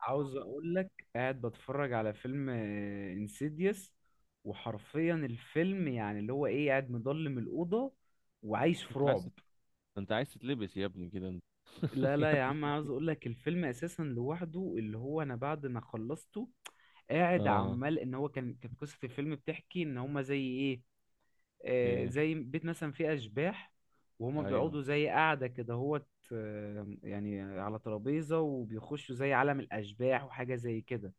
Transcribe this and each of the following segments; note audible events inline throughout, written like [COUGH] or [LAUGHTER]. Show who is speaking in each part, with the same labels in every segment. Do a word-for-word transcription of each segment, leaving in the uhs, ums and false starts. Speaker 1: عاوز اقول لك، قاعد بتفرج على فيلم انسيديوس. وحرفيا الفيلم يعني اللي هو ايه، قاعد مضلم الأوضة وعايش في
Speaker 2: انت عايز
Speaker 1: رعب.
Speaker 2: تت- انت عايز تتلبس يا ابني كده انت
Speaker 1: لا
Speaker 2: [LAUGHS] يا
Speaker 1: لا يا عم،
Speaker 2: ابني.
Speaker 1: عاوز اقول لك الفيلم اساسا لوحده اللي هو، انا بعد ما خلصته قاعد
Speaker 2: اه.
Speaker 1: عمال ان هو كان كانت قصة الفيلم بتحكي ان هما زي ايه. آه،
Speaker 2: ايه.
Speaker 1: زي بيت مثلا فيه اشباح. وهما
Speaker 2: ايوه.
Speaker 1: بيقعدوا زي قاعدة كده هوت. آه، يعني على ترابيزة وبيخشوا زي عالم الاشباح وحاجة زي كده.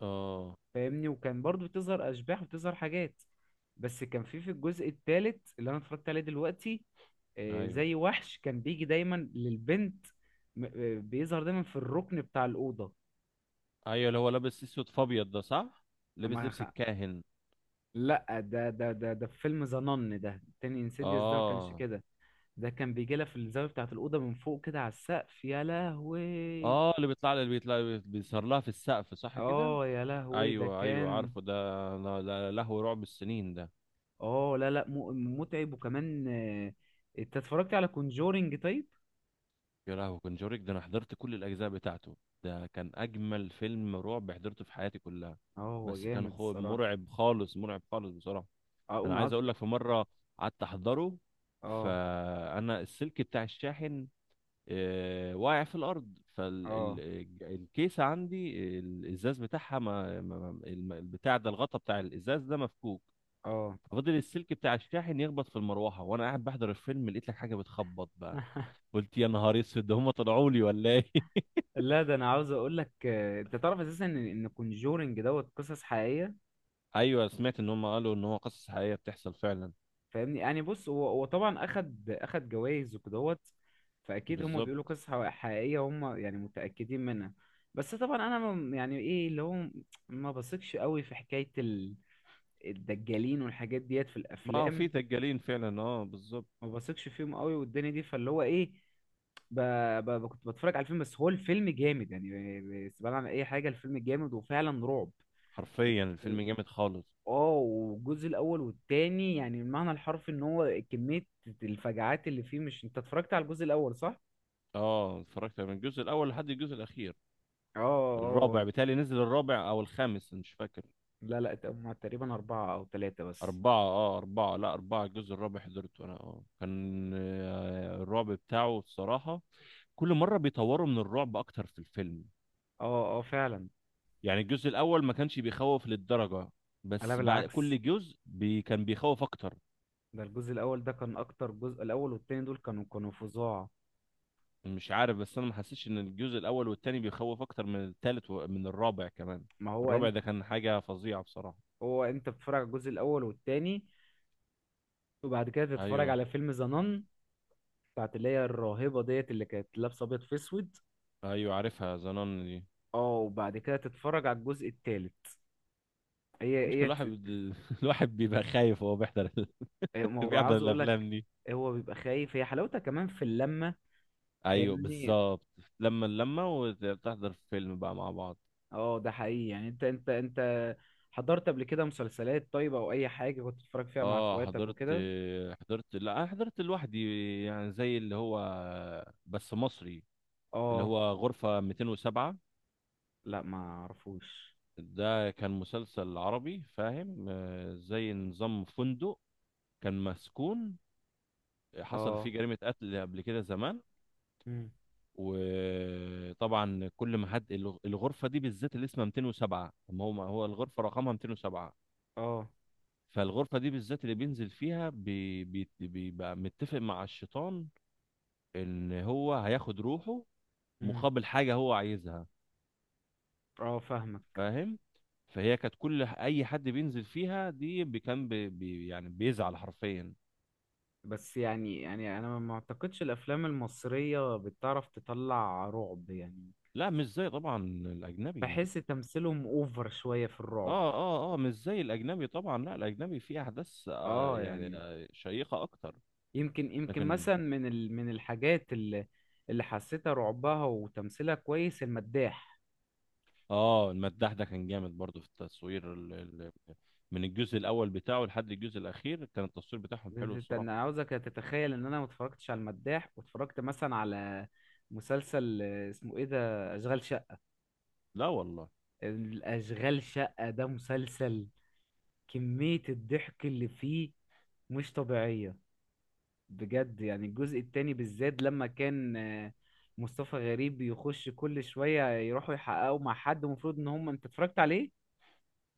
Speaker 2: اه.
Speaker 1: فاهمني، وكان برضو بتظهر اشباح وبتظهر حاجات. بس كان في في الجزء الثالث اللي انا اتفرجت عليه دلوقتي. آه،
Speaker 2: ايوه،
Speaker 1: زي وحش كان بيجي دايما للبنت. م- آه، بيظهر دايما في الركن بتاع الاوضه.
Speaker 2: ايوه اللي هو لابس اسود فابيض ده، صح؟ لابس
Speaker 1: أما
Speaker 2: لبس
Speaker 1: خ-
Speaker 2: الكاهن.
Speaker 1: لا، ده ده ده ده في فيلم ذا نن ده تاني، انسيديوس ده ما كانش
Speaker 2: اه.
Speaker 1: كده. ده كان بيجي لها في الزاويه بتاعه الاوضه من فوق كده، على السقف يا لهوي.
Speaker 2: اه اللي بيطلع، اللي بيطلع بيصار لها في السقف، صح كده؟
Speaker 1: اه، يا لهوي ده
Speaker 2: ايوه ايوه
Speaker 1: كان.
Speaker 2: عارفه ده. لا- لا- لهو رعب السنين ده.
Speaker 1: اه، لا لا، م- متعب وكمان آه، انت اتفرجت على كونجورينج طيب؟
Speaker 2: يا لهوي كونجوريك ده انا حضرت كل الاجزاء بتاعته. ده كان اجمل فيلم رعب حضرته في حياتي كلها.
Speaker 1: اه، هو
Speaker 2: بس كان
Speaker 1: جامد
Speaker 2: خو...
Speaker 1: الصراحة.
Speaker 2: مرعب خالص، مرعب خالص بصراحة.
Speaker 1: أه،
Speaker 2: انا
Speaker 1: اقوم عاوز...
Speaker 2: عايز اقول لك في مره قعدت احضره،
Speaker 1: اه،
Speaker 2: فانا السلك بتاع الشاحن آه، واقع في الارض،
Speaker 1: اه،
Speaker 2: فالكيسه عندي الازاز بتاعها ما ما- الم- البتاع ده الغطا بتاع الازاز ده مفكوك.
Speaker 1: اه.
Speaker 2: ففضل السلك بتاع الشاحن يخبط في المروحه وانا قاعد بحضر الفيلم، لقيت لك حاجه بتخبط بقى.
Speaker 1: [LAUGHS]
Speaker 2: قلت يا نهار اسود ده هم طلعوا لي ولا ايه؟ [LAUGHS]
Speaker 1: لا، ده انا عاوز اقول لك، آه، انت تعرف اساسا ان ان كونجورنج دوت قصص حقيقية.
Speaker 2: ايوه سمعت ان هم قالوا ان هو قصص حقيقيه بتحصل فعلا.
Speaker 1: فاهمني، يعني بص، هو هو طبعا اخد اخد جوائز وكدهوت. فاكيد هم بيقولوا
Speaker 2: بالظبط.
Speaker 1: قصص حق- حقيقية، هم يعني متأكدين منها. بس طبعا انا ما- يعني ايه اللي هو، ما بثقش قوي في حكاية ال- الدجالين والحاجات ديت في
Speaker 2: ما هو في
Speaker 1: الافلام.
Speaker 2: دجالين فعلا، اه بالظبط.
Speaker 1: ما بثقش فيهم قوي، والدنيا دي، فاللي هو ايه... ب... ب... ب- كنت بتفرج على الفيلم، بس هو الفيلم جامد، يعني استبعد عن اي حاجه، الفيلم جامد وفعلا رعب. و-
Speaker 2: حرفيا
Speaker 1: و-
Speaker 2: الفيلم جامد خالص.
Speaker 1: اه، والجزء الاول والتاني يعني المعنى الحرفي ان هو كميه الفجعات اللي فيه. مش انت اتفرجت على الجزء الاول، صح؟
Speaker 2: اه اتفرجت من الجزء الاول لحد الجزء الاخير.
Speaker 1: اه،
Speaker 2: الرابع،
Speaker 1: اه.
Speaker 2: بتالي نزل الرابع او الخامس مش فاكر.
Speaker 1: لا لا، هما تقريبا اربعه او ثلاثه بس.
Speaker 2: أربعة، اه أربعة، لا أربعة. الجزء الرابع حضرته أنا، اه كان آه، الرعب بتاعه الصراحة. كل مرة بيطوروا من الرعب أكتر في الفيلم.
Speaker 1: اه، اه، فعلا.
Speaker 2: يعني الجزء الأول ما كانش بيخوف للدرجة،
Speaker 1: لا،
Speaker 2: بس بعد
Speaker 1: بالعكس.
Speaker 2: كل جزء بي كان بيخوف أكتر.
Speaker 1: ده الجزء الاول ده كان اكتر جزء. الاول والتاني دول كانوا كانوا فظاع.
Speaker 2: مش عارف بس أنا ما حسيتش إن الجزء الأول والتاني بيخوف أكتر من التالت ومن الرابع كمان.
Speaker 1: ما هو
Speaker 2: الرابع
Speaker 1: انت...
Speaker 2: ده كان حاجة فظيعة بصراحة.
Speaker 1: هو انت بتتفرج على الجزء الاول والتاني وبعد كده تتفرج
Speaker 2: أيوه.
Speaker 1: على فيلم ذا بتاعت اللي هي الراهبة ديت، اللي كانت لابسة أبيض في أسود.
Speaker 2: ايوه عارفها زنان دي.
Speaker 1: اه، وبعد كده تتفرج على الجزء التالت. هي
Speaker 2: مشكلة
Speaker 1: هي
Speaker 2: الواحد
Speaker 1: ت-
Speaker 2: بد- [LAUGHS] الواحد بيبقى خايف وهو بيحضر ال-
Speaker 1: ما
Speaker 2: [LAUGHS]
Speaker 1: هو
Speaker 2: بيحضر
Speaker 1: عاوز أقول لك،
Speaker 2: الافلام دي.
Speaker 1: هو بيبقى خايف، هي حلاوتها كمان في اللمة.
Speaker 2: ايوه
Speaker 1: فاهمني.
Speaker 2: بالظبط، لما اللمه وتحضر فيلم بقى مع بعض.
Speaker 1: اه، ده حقيقي، يعني انت انت انت حضرت قبل كده مسلسلات، طيب، او اي حاجة كنت بتتفرج فيها مع
Speaker 2: اه
Speaker 1: اخواتك
Speaker 2: حضرت،
Speaker 1: وكده؟
Speaker 2: حضرت، لا انا حضرت لوحدي. يعني زي اللي هو بس مصري، اللي
Speaker 1: اه،
Speaker 2: هو غرفة مئتين وسبعة.
Speaker 1: لا، ما اعرفوش.
Speaker 2: ده كان مسلسل عربي، فاهم؟ آه، زي نظام فندق، كان مسكون، حصل فيه
Speaker 1: اه،
Speaker 2: جريمة قتل قبل كده زمان.
Speaker 1: مم.
Speaker 2: وطبعا كل ما حد الغ- الغرفه دي بالذات اللي اسمها مئتين وسبعة، ما هو ما هو الغرفه رقمها مئتين وسبعة.
Speaker 1: اه،
Speaker 2: فالغرفه دي بالذات اللي بينزل فيها بي- بي- بيبقى متفق مع الشيطان ان هو هياخد روحه
Speaker 1: مم.
Speaker 2: مقابل حاجه هو عايزها.
Speaker 1: اه، فاهمك.
Speaker 2: فاهم؟ فهي كانت كل ح- اي حد بينزل فيها دي بي- كان بي بي- يعني بيزعل حرفيا.
Speaker 1: بس يعني يعني، انا ما اعتقدش الافلام المصرية بتعرف تطلع رعب يعني.
Speaker 2: لا مش زي طبعا الاجنبي.
Speaker 1: بحس تمثيلهم اوفر شوية في الرعب.
Speaker 2: اه اه اه، مش زي الاجنبي طبعا، لا الاجنبي فيه احداث آه
Speaker 1: اه،
Speaker 2: يعني
Speaker 1: يعني،
Speaker 2: آه شيقه اكتر.
Speaker 1: يمكن يمكن
Speaker 2: لكن
Speaker 1: مثلا من ال... من الحاجات اللي اللي حسيتها رعبها وتمثيلها كويس، المداح.
Speaker 2: اه المداح ده كان جامد برضه في التصوير ال... ال... من الجزء الاول بتاعه لحد الجزء الاخير كان التصوير بتاعهم حلو
Speaker 1: انت-
Speaker 2: الصراحه.
Speaker 1: انا عاوزك تتخيل ان انا ما اتفرجتش على المداح، واتفرجت مثلا على مسلسل، آه، اسمه ايه ده؟ اشغال شقة.
Speaker 2: لا والله.
Speaker 1: الاشغال شقة ده مسلسل، كمية الضحك اللي فيه مش طبيعية. بجد، يعني الجزء التاني بالذات، لما كان آه، مصطفى غريب يخش كل شوية يروحوا يحققوا مع حد، المفروض ان هم، انت اتفرجت عليه؟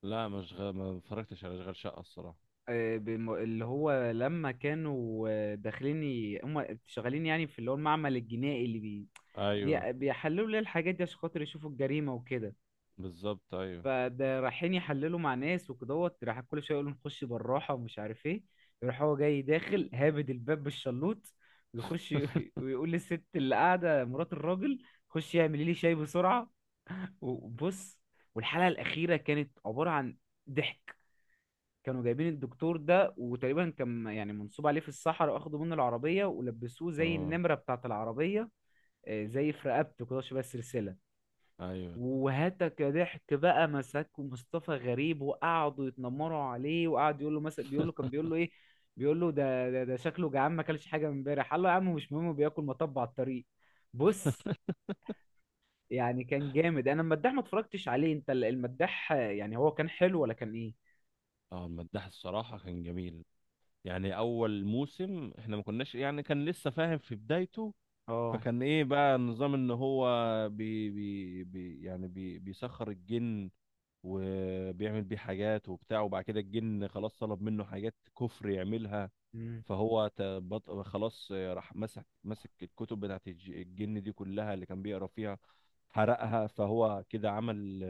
Speaker 2: لا مش غ... ما اتفرجتش على اشغال شقه الصراحه.
Speaker 1: آه، بم- اللي هو لما كانوا، آه، داخلين ي- هم شغالين يعني في اللي هو المعمل الجنائي اللي بي
Speaker 2: ايوه.
Speaker 1: بي- بيحللوا ليه الحاجات دي عشان خاطر يشوفوا الجريمة وكده.
Speaker 2: بالظبط ايوه.
Speaker 1: فده رايحين يحللوا مع ناس وكدهوت، راح كل شويه يقولوا نخش بالراحه ومش عارف ايه. يروح هو جاي داخل هابد الباب بالشلوط، ويخش ي- [LAUGHS]
Speaker 2: [LAUGHS]
Speaker 1: ويقول للست اللي قاعده مرات الراجل، خش اعملي لي شاي بسرعه. وبص، والحلقه الاخيره كانت عباره عن ضحك. كانوا جايبين الدكتور ده، وتقريبا كان يعني منصوب عليه في الصحراء، واخدوا منه العربيه ولبسوه زي
Speaker 2: اه.
Speaker 1: النمره بتاعه العربيه. آه، زي في رقبته كده شبه السلسله.
Speaker 2: ايوه.
Speaker 1: وهاتك ضحك بقى، مسكوا مصطفى غريب وقعدوا يتنمروا عليه، وقعد يقول له مثلا، بيقول له، كان بيقول له ايه؟ بيقول له ده ده, ده شكله جعان، ما اكلش حاجه من امبارح. قال له يا عم مش مهم، بياكل مطب على الطريق. بص، يعني كان جامد. انا المداح ما اتفرجتش عليه، انت ال- المداح، آه، يعني هو كان حلو ولا كان ايه؟
Speaker 2: اه المداح الصراحه كان جميل. يعني اول موسم احنا ما كناش يعني كان لسه فاهم في بدايته.
Speaker 1: اه.
Speaker 2: فكان ايه بقى النظام؟ ان هو بي بي بي يعني بي بيسخر الجن، وبيعمل بيه حاجات وبتاع، وبعد كده الجن خلاص طلب منه حاجات كفر يعملها.
Speaker 1: امم.
Speaker 2: فهو ت- بط- خلاص راح مسك مسك الكتب بتاعت الج- الجن دي كلها اللي كان بيقرا فيها، حرقها. فهو كده عمل،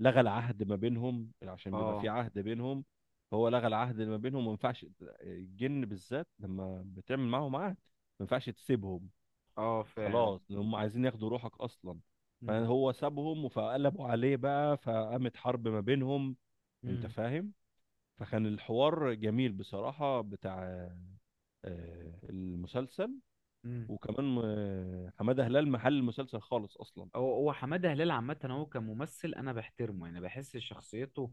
Speaker 2: لغى العهد ما بينهم، عشان بيبقى في
Speaker 1: اه،
Speaker 2: عهد بينهم. فهو لغى العهد اللي ما بينهم، وما ينفعش الجن بالذات لما بتعمل معاهم عهد ما ينفعش تسيبهم،
Speaker 1: اه، فاهم.
Speaker 2: خلاص إن هم عايزين ياخدوا روحك اصلا.
Speaker 1: امم،
Speaker 2: فهو سابهم فقلبوا عليه بقى، فقامت حرب ما بينهم، انت
Speaker 1: امم،
Speaker 2: فاهم؟ فكان الحوار جميل بصراحة بتاع آه، المسلسل.
Speaker 1: امم.
Speaker 2: وكمان آه، حمادة هلال محل المسلسل خالص اصلا.
Speaker 1: هو هو حماده هلال عامه، هو كممثل انا بحترمه، يعني بحس شخصيته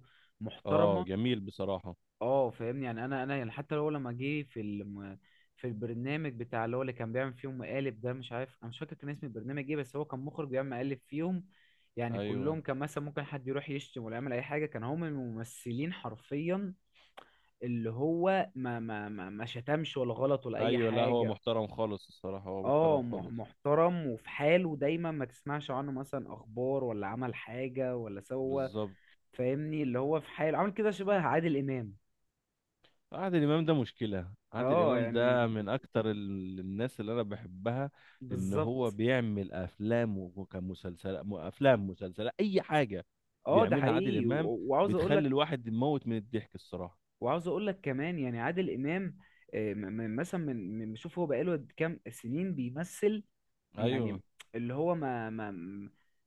Speaker 2: اه
Speaker 1: محترمه.
Speaker 2: جميل بصراحة.
Speaker 1: اه، فاهمني يعني، انا انا يعني حتى هو لما جه في الم... في البرنامج بتاع اللي هو، اللي كان بيعمل فيهم مقالب ده، مش عارف، انا مش فاكر كان اسم البرنامج ايه، بس هو كان مخرج بيعمل مقالب فيهم. يعني
Speaker 2: ايوه.
Speaker 1: كلهم، كان مثلا ممكن حد يروح يشتم ولا يعمل اي حاجه، كان هم الممثلين حرفيا اللي هو ما ما ما, ما شتمش ولا غلط ولا اي
Speaker 2: ايوه لا هو
Speaker 1: حاجه.
Speaker 2: محترم خالص الصراحة، هو محترم
Speaker 1: اه، مح-
Speaker 2: خالص.
Speaker 1: محترم، وفي حاله دايما، ما تسمعش عنه مثلا اخبار ولا عمل حاجه ولا سوى.
Speaker 2: بالظبط.
Speaker 1: فاهمني، اللي هو في حاله عامل كده شبه عادل امام.
Speaker 2: عادل امام ده، مشكله عادل
Speaker 1: اه،
Speaker 2: امام
Speaker 1: يعني
Speaker 2: ده من اكتر ال- الناس اللي انا بحبها. لان هو
Speaker 1: بالظبط.
Speaker 2: بيعمل افلام وكمسلسلات، افلام مسلسلات اي حاجه
Speaker 1: اه، ده
Speaker 2: بيعملها عادل
Speaker 1: حقيقي.
Speaker 2: امام
Speaker 1: و- وعاوز اقول
Speaker 2: بتخلي
Speaker 1: لك،
Speaker 2: الواحد يموت من الضحك الصراحه.
Speaker 1: وعاوز اقول لك كمان يعني عادل امام، آه، م- م- مثلا من من- شوف، هو بقاله قد كام سنين بيمثل
Speaker 2: ايوه.
Speaker 1: يعني، اللي هو ما ما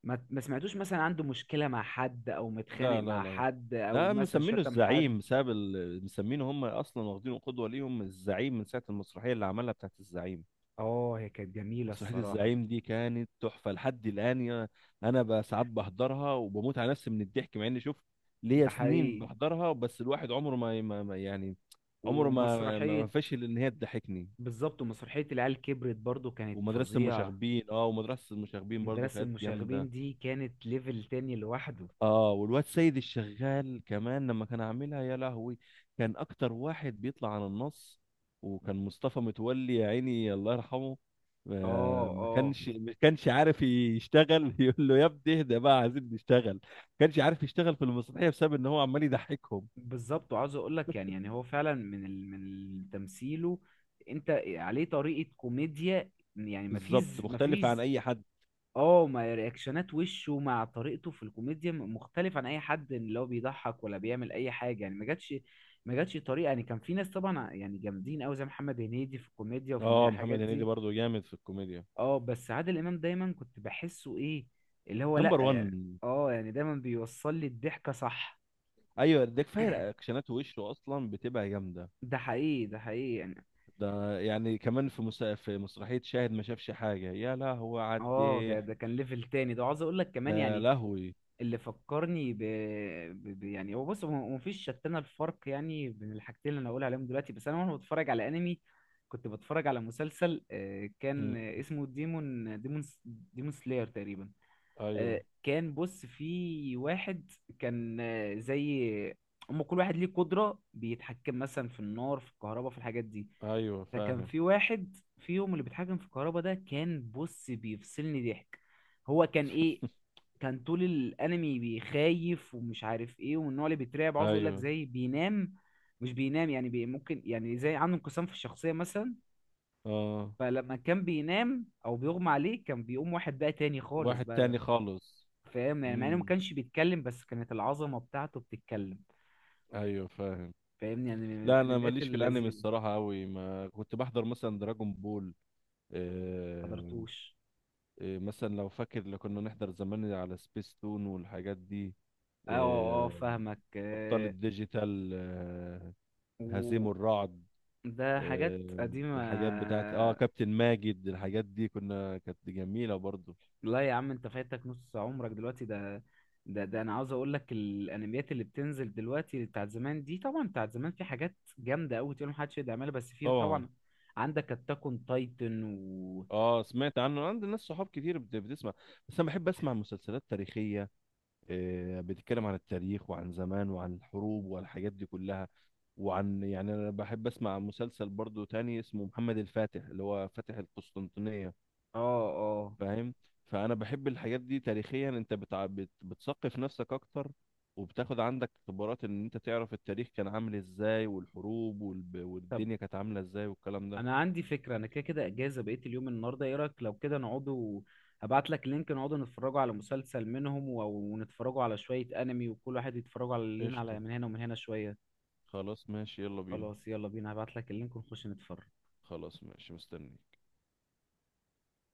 Speaker 1: ما ما سمعتوش مثلا عنده مشكلة مع حد، او متخانق
Speaker 2: لا لا
Speaker 1: مع
Speaker 2: لا لا.
Speaker 1: حد، او
Speaker 2: ده
Speaker 1: مثلا
Speaker 2: مسمينه
Speaker 1: شتم حد.
Speaker 2: الزعيم بسبب ال... مسمينه هم اصلا واخدينه قدوه ليهم الزعيم من ساعه المسرحيه اللي عملها بتاعت الزعيم.
Speaker 1: اه، هي كانت جميلة
Speaker 2: مسرحية
Speaker 1: الصراحة.
Speaker 2: الزعيم دي كانت تحفة لحد الآن، يا- أنا بقى ساعات بحضرها وبموت على نفسي من الضحك، مع إني شوف ليا
Speaker 1: ده
Speaker 2: سنين
Speaker 1: حقيقي.
Speaker 2: بحضرها، بس الواحد عمره ما ما- ما- يعني عمره ما ما ما
Speaker 1: ومسرحية...
Speaker 2: فشل إن هي تضحكني.
Speaker 1: بالظبط، ومسرحية العيال كبرت برضو كانت
Speaker 2: ومدرسة
Speaker 1: فظيعة.
Speaker 2: المشاغبين، أه ومدرسة المشاغبين برضو
Speaker 1: مدرسة
Speaker 2: كانت
Speaker 1: المشاغبين
Speaker 2: جامدة.
Speaker 1: دي كانت ليفل تاني لوحده.
Speaker 2: اه والواد سيد الشغال كمان لما كان عاملها، يا لهوي، كان اكتر واحد بيطلع عن النص. وكان مصطفى متولي يا عيني الله يرحمه
Speaker 1: اه،
Speaker 2: آه، ما
Speaker 1: اه،
Speaker 2: كانش ما كانش عارف يشتغل. [LAUGHS] يقول له يا ابني اهدى بقى عايزين نشتغل. ما كانش عارف يشتغل في المسرحيه بسبب ان هو عمال يضحكهم.
Speaker 1: بالظبط. وعاوز اقول لك، يعني يعني هو فعلا من ال... من تمثيله، انت عليه طريقه كوميديا، يعني مفيش،
Speaker 2: بالظبط، مختلف
Speaker 1: مفيش.
Speaker 2: عن اي حد.
Speaker 1: اه، ما رياكشنات وشه مع طريقته في الكوميديا م- مختلف عن اي حد، اللي هو بيضحك ولا بيعمل اي حاجه يعني. ما جاتش، ما جاتش طريقه، يعني كان في ناس طبعا ع- يعني جامدين قوي زي محمد هنيدي في الكوميديا، وفي النا-
Speaker 2: اه
Speaker 1: الحاجات
Speaker 2: محمد هنيدي
Speaker 1: دي.
Speaker 2: برضه جامد في الكوميديا.
Speaker 1: اه، بس عادل امام دايما كنت بحسه ايه، اللي هو، لا
Speaker 2: نمبر واحد.
Speaker 1: يعني. اه، يعني دايما بيوصل لي الضحكه، صح.
Speaker 2: ايوه ده كفايه رياكشنات وشه اصلا بتبقى جامده.
Speaker 1: ده حقيقي، ده حقيقي يعني.
Speaker 2: ده يعني كمان في مس... في مسرحية شاهد ما شافش حاجة، يا لهوي على
Speaker 1: اه، ده
Speaker 2: الضحك.
Speaker 1: ده كان ليفل تاني ده. وعاوز اقول لك
Speaker 2: ده
Speaker 1: كمان
Speaker 2: يا
Speaker 1: يعني،
Speaker 2: لهوي.
Speaker 1: اللي فكرني ب... ب... ب... يعني هو بص، هو مفيش شتانه الفرق يعني بين الحاجتين اللي انا هقول عليهم دلوقتي، بس انا، وانا بتفرج على انمي، كنت بتفرج على مسلسل، آه،
Speaker 2: مم.
Speaker 1: كان اسمه ديمون ديمون ديمون سلاير تقريبا.
Speaker 2: ايوه.
Speaker 1: آه، كان بص في واحد، كان، آه، زي، هم كل واحد ليه قدرة، بيتحكم مثلا في النار، في الكهرباء، في الحاجات دي.
Speaker 2: ايوه
Speaker 1: فكان
Speaker 2: فاهم.
Speaker 1: في واحد فيهم اللي بيتحكم في الكهرباء ده، كان بص بيفصلني ضحك. هو كان ايه؟ كان طول الانمي بيخايف ومش عارف ايه، ومن النوع اللي بيترعب، عاوز اقول لك
Speaker 2: ايوه.
Speaker 1: زي بينام، مش بينام يعني، بي ممكن يعني زي عنده انقسام في الشخصية مثلا.
Speaker 2: اه
Speaker 1: فلما كان بينام او بيغمى عليه، كان بيقوم واحد بقى تاني خالص
Speaker 2: واحد
Speaker 1: بقى.
Speaker 2: تاني خالص.
Speaker 1: فاهم يعني، مع انه ما
Speaker 2: امم.
Speaker 1: كانش بيتكلم، بس كانت العظمة بتاعته بتتكلم.
Speaker 2: ايوه فاهم.
Speaker 1: فاهمني، يعني من
Speaker 2: لا انا
Speaker 1: الانميات
Speaker 2: ماليش في الانمي
Speaker 1: اللذيذة.
Speaker 2: الصراحة قوي، ما كنت بحضر مثلا دراجون بول. آه...
Speaker 1: حضرتوش؟
Speaker 2: آه... مثلا لو فاكر لو كنا نحضر زمان على سبيس تون والحاجات دي.
Speaker 1: اه، اه، آه،
Speaker 2: آه...
Speaker 1: فاهمك
Speaker 2: ابطال
Speaker 1: آه،
Speaker 2: الديجيتال. آه...
Speaker 1: و...
Speaker 2: هزيم الرعد.
Speaker 1: ده حاجات
Speaker 2: آه،
Speaker 1: قديمة.
Speaker 2: الحاجات بتاعت اه كابتن ماجد، الحاجات دي كنا كانت جميلة برضو.
Speaker 1: لا يا عم، انت فايتك نص عمرك دلوقتي ده. ده ده انا عاوز اقول لك، الانميات اللي بتنزل دلوقتي بتاعت زمان دي، طبعا بتاعت زمان في حاجات جامدة قوي، تقول محدش يقدر يعملها، بس في
Speaker 2: طبعا.
Speaker 1: طبعا عندك اتاك اون تايتن و...
Speaker 2: اه سمعت عنه، عندي ناس صحاب كتير بت- بتسمع. بس انا بحب اسمع مسلسلات تاريخية، آه، بتتكلم عن التاريخ وعن زمان وعن الحروب والحاجات دي كلها. وعن يعني انا بحب اسمع مسلسل برضو تاني اسمه محمد الفاتح اللي هو فاتح القسطنطينية،
Speaker 1: اه، اه.
Speaker 2: فاهم؟ فانا بحب الحاجات دي تاريخيا، انت بتع... بت... بتثقف نفسك اكتر، وبتاخد عندك خبرات ان انت تعرف التاريخ كان عامل ازاي والحروب والب...
Speaker 1: طب،
Speaker 2: والدنيا كانت عامله ازاي والكلام ده.
Speaker 1: انا عندي فكرة، انا كده كده اجازة بقيت اليوم النهاردة، ايه رأيك لو كده نقعدوا، هبعت لك لينك نقعدوا نتفرجوا على مسلسل منهم، و- ونتفرجوا على شوية انمي، وكل واحد يتفرجوا على لنا
Speaker 2: قشطه،
Speaker 1: على، من هنا ومن هنا شوية.
Speaker 2: خلاص ماشي يلا بينا.
Speaker 1: خلاص، يلا بينا، هبعت لك اللينك ونخش نتفرج.
Speaker 2: خلاص ماشي مستني.